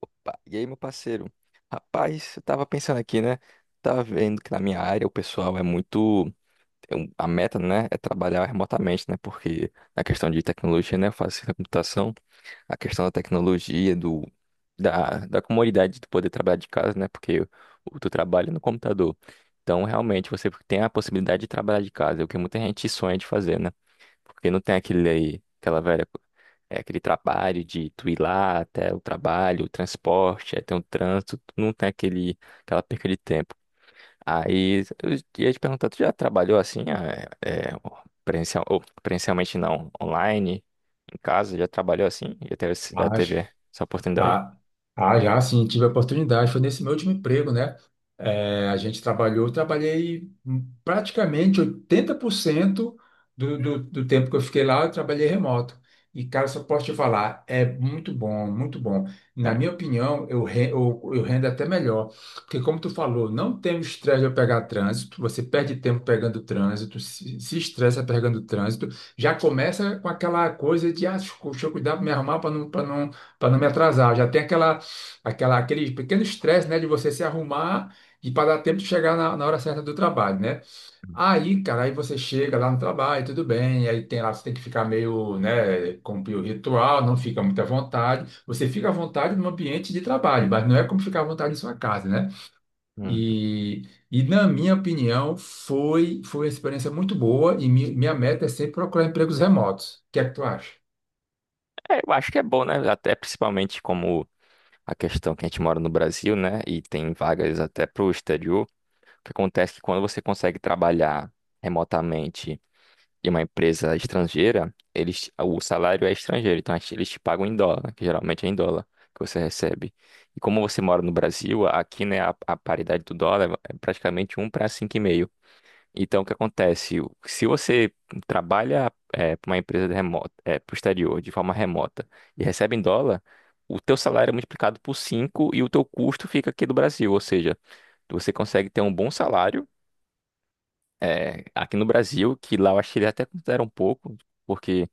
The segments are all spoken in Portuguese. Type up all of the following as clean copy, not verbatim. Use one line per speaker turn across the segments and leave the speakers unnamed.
Opa, e aí, meu parceiro? Rapaz, eu tava pensando aqui, né? Tava vendo que na minha área o pessoal é muito. A meta, né, é trabalhar remotamente, né? Porque na questão de tecnologia, né? Eu faço ciência da computação, a questão da tecnologia, da comodidade de poder trabalhar de casa, né? Porque o tu trabalha no computador. Então, realmente, você tem a possibilidade de trabalhar de casa, é o que muita gente sonha de fazer, né? Porque não tem aquele aí, aquela velha, aquele trabalho de tu ir lá até o trabalho, o transporte, aí tem um trânsito, tu não tem aquela perca de tempo. Aí eu ia te perguntar, tu já trabalhou assim, presencial, ou presencialmente não, online, em casa, já trabalhou assim? Já teve, esse- já
Ah, j-
teve essa oportunidade?
ah, já sim, tive a oportunidade. Foi nesse meu último emprego, né? É, a gente trabalhou, eu trabalhei praticamente 80% do tempo que eu fiquei lá, eu trabalhei remoto. E, cara, só posso te falar, é muito bom, muito bom. Na
É.
minha opinião, eu rendo até melhor. Porque, como tu falou, não tem o estresse de pegar trânsito, você perde tempo pegando trânsito, se estressa pegando trânsito, já começa com aquela coisa de, ah, deixa eu cuidar para me arrumar para não me atrasar. Já tem aquele pequeno estresse, né, de você se arrumar e para dar tempo de chegar na hora certa do trabalho, né? Aí, cara, aí você chega lá no trabalho, tudo bem, aí tem lá, você tem que ficar meio, né, cumprir o ritual, não fica muito à vontade. Você fica à vontade no ambiente de trabalho, mas não é como ficar à vontade em sua casa, né?
Hum.
E, e na minha opinião, foi uma experiência muito boa e minha meta é sempre procurar empregos remotos. O que é que tu acha?
É, eu acho que é bom, né? Até principalmente como a questão que a gente mora no Brasil, né? E tem vagas até pro exterior. O que acontece é que quando você consegue trabalhar remotamente em uma empresa estrangeira, eles, o salário é estrangeiro, então eles te pagam em dólar, que geralmente é em dólar que você recebe. E como você mora no Brasil, aqui, né, a paridade do dólar é praticamente um para 5,5. Então, o que acontece? Se você trabalha para uma empresa de remota, é, para o exterior, de forma remota, e recebe em dólar, o teu salário é multiplicado por 5 e o teu custo fica aqui do Brasil, ou seja, você consegue ter um bom salário, é, aqui no Brasil, que lá eu acho que ele até considera um pouco, porque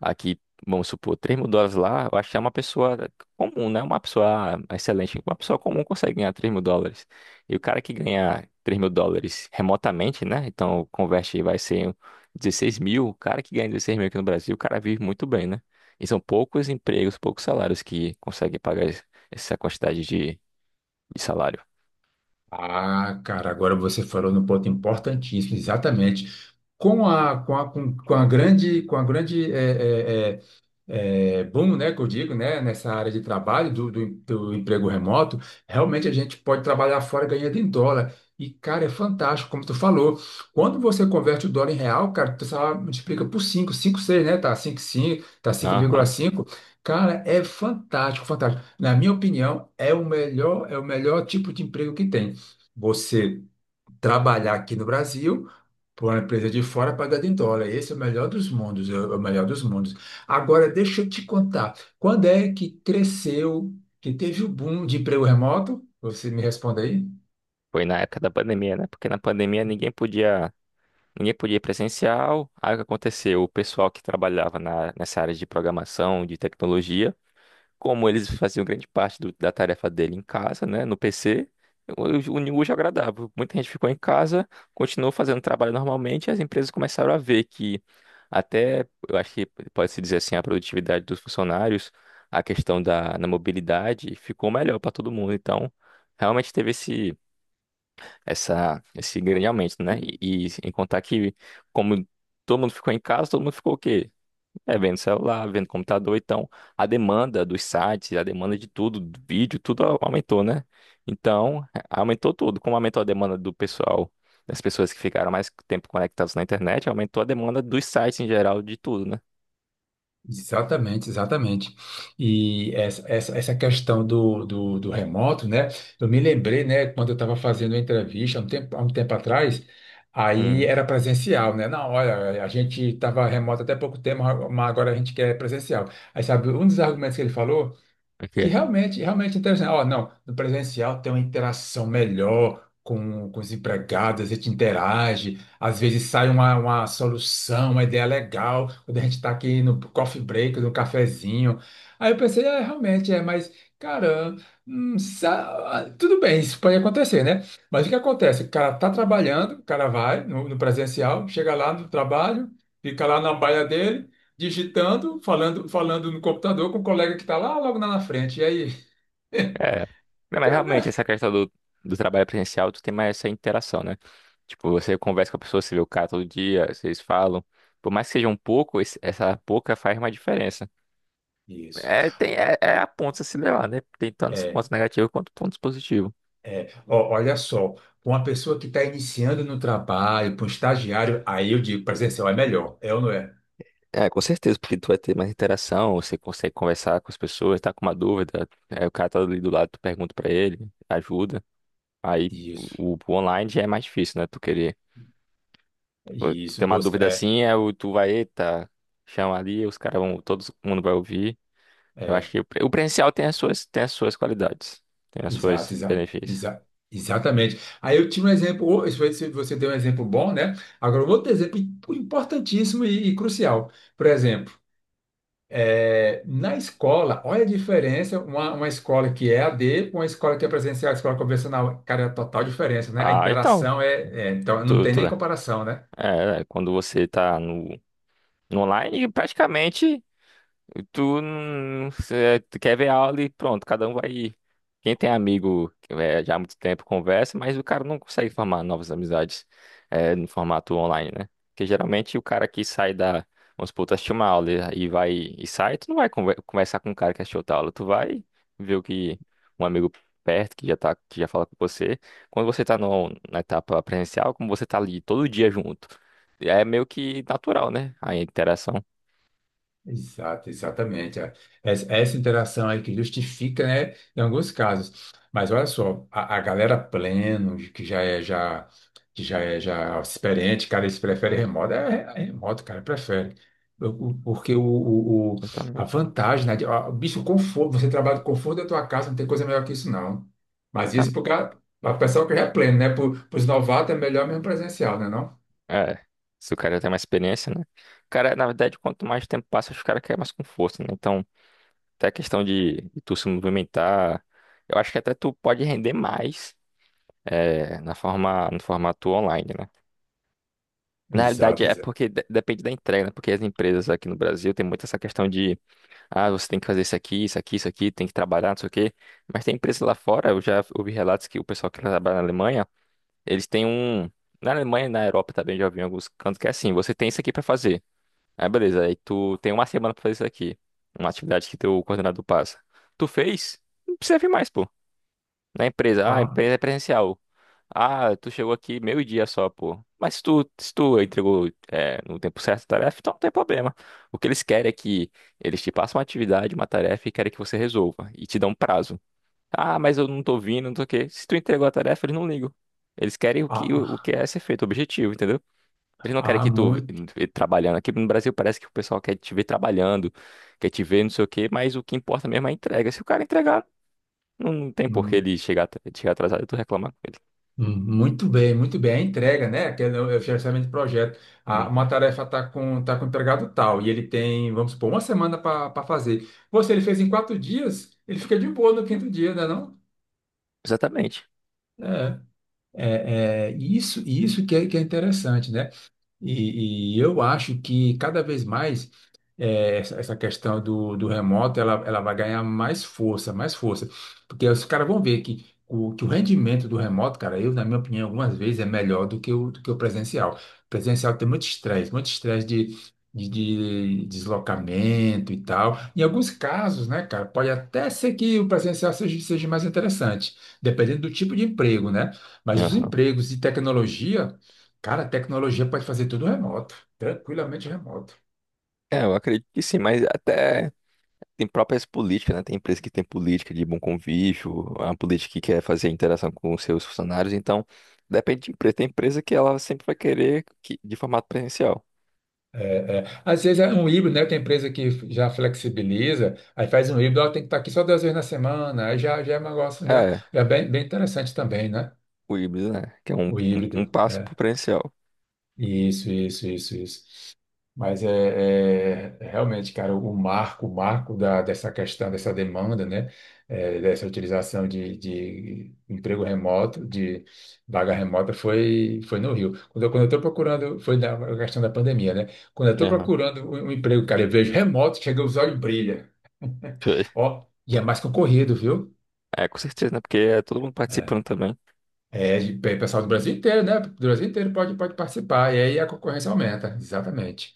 aqui, vamos supor, 3.000 dólares lá, eu acho que é uma pessoa comum, né? Uma pessoa excelente, uma pessoa comum consegue ganhar 3.000 dólares. E o cara que ganha 3.000 dólares remotamente, né? Então, converte aí, vai ser 16.000. O cara que ganha 16.000 aqui no Brasil, o cara vive muito bem, né? E são poucos empregos, poucos salários que conseguem pagar essa quantidade de salário.
Ah, cara, agora você falou no ponto importantíssimo, exatamente. Com a grande boom, né, que eu digo, né, nessa área de trabalho do emprego remoto, realmente a gente pode trabalhar fora ganhando em dólar. E, cara, é fantástico, como tu falou. Quando você converte o dólar em real, cara, tu só multiplica por cinco, cinco seis, né? Tá, cinco 5, tá cinco vírgula
Aham.
cinco. Cara, é fantástico, fantástico. Na minha opinião, é o melhor tipo de emprego que tem. Você trabalhar aqui no Brasil para uma empresa de fora pagada em dólar. Esse é o melhor dos mundos, é o melhor dos mundos. Agora, deixa eu te contar, quando é que cresceu, que teve o boom de emprego remoto? Você me responde aí?
Foi na época da pandemia, né? Porque na pandemia ninguém podia. Ninguém podia ir presencial. Aí o que aconteceu? O pessoal que trabalhava na, nessa área de programação, de tecnologia, como eles faziam grande parte da tarefa dele em casa, né, no PC, o New já agradável. Muita gente ficou em casa, continuou fazendo trabalho normalmente, e as empresas começaram a ver que até, eu acho que pode-se dizer assim, a produtividade dos funcionários, a questão da na mobilidade, ficou melhor para todo mundo. Então, realmente teve esse grande aumento, né? E em contar que, como todo mundo ficou em casa, todo mundo ficou o quê? É, vendo celular, vendo computador. Então, a demanda dos sites, a demanda de tudo, do vídeo, tudo aumentou, né? Então, aumentou tudo. Como aumentou a demanda do pessoal, das pessoas que ficaram mais tempo conectadas na internet, aumentou a demanda dos sites em geral, de tudo, né?
Exatamente, exatamente. E essa questão do remoto, né? Eu me lembrei, né, quando eu estava fazendo a entrevista há um tempo atrás, aí
Hum,
era presencial, né? Não, olha, a gente estava remoto até pouco tempo, mas agora a gente quer presencial. Aí sabe, um dos argumentos que ele falou que
ok.
realmente, realmente é interessante. Ó, não, no presencial tem uma interação melhor com os empregados, a gente interage, às vezes sai uma solução, uma ideia legal, quando a gente está aqui no coffee break, no cafezinho. Aí eu pensei, é, realmente, é, mas, cara, tudo bem, isso pode acontecer, né? Mas o que acontece? O cara tá trabalhando, o cara vai no presencial, chega lá no trabalho, fica lá na baia dele digitando, falando, falando no computador com o colega que está lá logo lá na frente. E aí?
É. Não, mas realmente
Cara,
essa questão do trabalho presencial, tu tem mais essa interação, né? Tipo, você conversa com a pessoa, você vê o cara todo dia, vocês falam. Por mais que seja um pouco, essa pouca faz uma diferença.
isso.
É, tem, é a ponta a se levar, né? Tem tantos
É,
pontos negativos quanto pontos positivos.
é. Ó, olha só, para uma pessoa que está iniciando no trabalho, para um estagiário, aí eu digo, presencial é melhor, é ou não é?
É, com certeza, porque tu vai ter mais interação, você consegue conversar com as pessoas, tá com uma dúvida, é, o cara tá ali do lado, tu pergunta pra ele, ajuda. Aí
Isso.
o online já é mais difícil, né? Tu querer. Pô, tu
Isso,
tem uma
você,
dúvida
é,
assim, é o tu vai, eita, chama ali, os caras vão, todo mundo vai ouvir. Eu acho
é,
que o o presencial tem as suas qualidades, tem as
exato,
suas
exato,
benefícios.
exato. Exatamente. Aí eu tinha um exemplo, ô, se você deu um exemplo bom, né? Agora, um outro exemplo importantíssimo e crucial. Por exemplo, é, na escola, olha a diferença, uma escola que é a D com uma escola que é presencial, escola convencional, cara, é a total diferença, né? A
Ah, então,
interação é, então não
tu,
tem
tu,
nem
né?
comparação, né?
É, é, quando você tá no, no online, praticamente. Tu não tu quer ver aula e pronto, cada um vai. Quem tem amigo que é, já há muito tempo conversa, mas o cara não consegue formar novas amizades, é, no formato online, né? Porque geralmente o cara que sai da. Vamos supor, tu assistiu uma aula e vai e sai, tu não vai conversar com o cara que assistiu outra aula, tu vai ver o que um amigo perto que já tá, que já fala com você. Quando você tá no, na etapa presencial, como você tá ali todo dia junto, é meio que natural, né? A interação.
Exato, exatamente. É. Essa interação aí que justifica, né, em alguns casos. Mas olha só, a galera pleno, que já é já experiente, cara, eles preferem remoto, é remoto, cara, prefere. Porque a
Exatamente.
vantagem, né, de- ó, o bicho, o conforto, você trabalha no conforto da tua casa, não tem coisa melhor que isso, não. Mas isso para o pessoal que já é pleno, né? Para os novatos é melhor mesmo presencial, né, não?
É, se o cara já tem mais experiência, né? Cara, na verdade, quanto mais tempo passa, os caras querem mais com força, né? Então, até a questão de tu se movimentar, eu acho que até tu pode render mais, é, na forma, no formato online, né? Na realidade,
Exato,
é
exato.
porque depende da entrega, né? Porque as empresas aqui no Brasil tem muito essa questão de, ah, você tem que fazer isso aqui, isso aqui, isso aqui, tem que trabalhar, não sei o quê. Mas tem empresas lá fora, eu já ouvi relatos que o pessoal que trabalha na Alemanha, eles têm um. Na Alemanha e na Europa também já ouvi em alguns cantos que é assim, você tem isso aqui pra fazer. Aí beleza, aí tu tem uma semana pra fazer isso aqui. Uma atividade que teu coordenador passa. Tu fez? Não precisa vir mais, pô. Na empresa, ah, a
Há,
empresa é presencial. Ah, tu chegou aqui meio-dia só, pô. Mas se tu, se tu entregou, é, no tempo certo a tarefa, então não tem problema. O que eles querem é que eles te passem uma atividade, uma tarefa e querem que você resolva. E te dão um prazo. Ah, mas eu não tô vindo, não tô o quê. Se tu entregou a tarefa, eles não ligam. Eles querem o que
há,
é ser feito, o objetivo, entendeu? Eles não querem
há
que tu
muito.
vê trabalhando. Aqui no Brasil parece que o pessoal quer te ver trabalhando, quer te ver não sei o quê, mas o que importa mesmo é a entrega. Se o cara entregar, não, não tem por que ele chegar, chegar atrasado e tu reclamar com ele.
Muito bem, muito bem. A entrega, né? Que é o gerenciamento de projeto. Ah, uma
Uhum.
tarefa está com, tá com o empregado tal, e ele tem, vamos supor, uma semana para fazer. Você, ele fez em quatro dias, ele fica de boa no quinto dia, né, não?
Exatamente.
É, isso, que é interessante, né? E eu acho que cada vez mais essa questão do remoto ela vai ganhar mais força, mais força. Porque os caras vão ver que o rendimento do remoto, cara, eu, na minha opinião, algumas vezes é melhor do que do que o presencial. O presencial tem muito estresse de deslocamento e tal. Em alguns casos, né, cara, pode até ser que o presencial seja, seja mais interessante, dependendo do tipo de emprego, né? Mas os
Aham.
empregos de tecnologia. Cara, a tecnologia pode fazer tudo remoto, tranquilamente remoto.
É, eu acredito que sim, mas até tem próprias políticas, né? Tem empresa que tem política de bom convívio, uma política que quer fazer interação com os seus funcionários, então depende de empresa. Tem empresa que ela sempre vai querer que, de formato presencial.
É, é. Às vezes é um híbrido, né? Tem empresa que já flexibiliza, aí faz um híbrido, ela tem que estar aqui só duas vezes na semana, aí já, já é um negócio
É,
já é bem, bem interessante também, né?
o híbrido, né? Que é um,
O híbrido.
um, um passo pro
É.
presencial.
Isso, isso, isso, isso. Mas é realmente, cara, o marco da, dessa questão, dessa demanda, né? É, dessa utilização de emprego remoto, de vaga remota, foi no Rio. Quando eu estou procurando, foi na questão da pandemia, né? Quando eu estou procurando um emprego, cara, eu vejo remoto, chega os olhos brilha.
Foi.
Ó, e é mais concorrido, viu?
É, com certeza, né? Porque é todo mundo participando também.
É, é, pessoal do Brasil inteiro, né? Do Brasil inteiro pode, pode participar, e aí a concorrência aumenta, exatamente.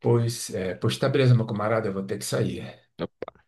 Pois, é, pois tá beleza, meu camarada, eu vou ter que sair.
É.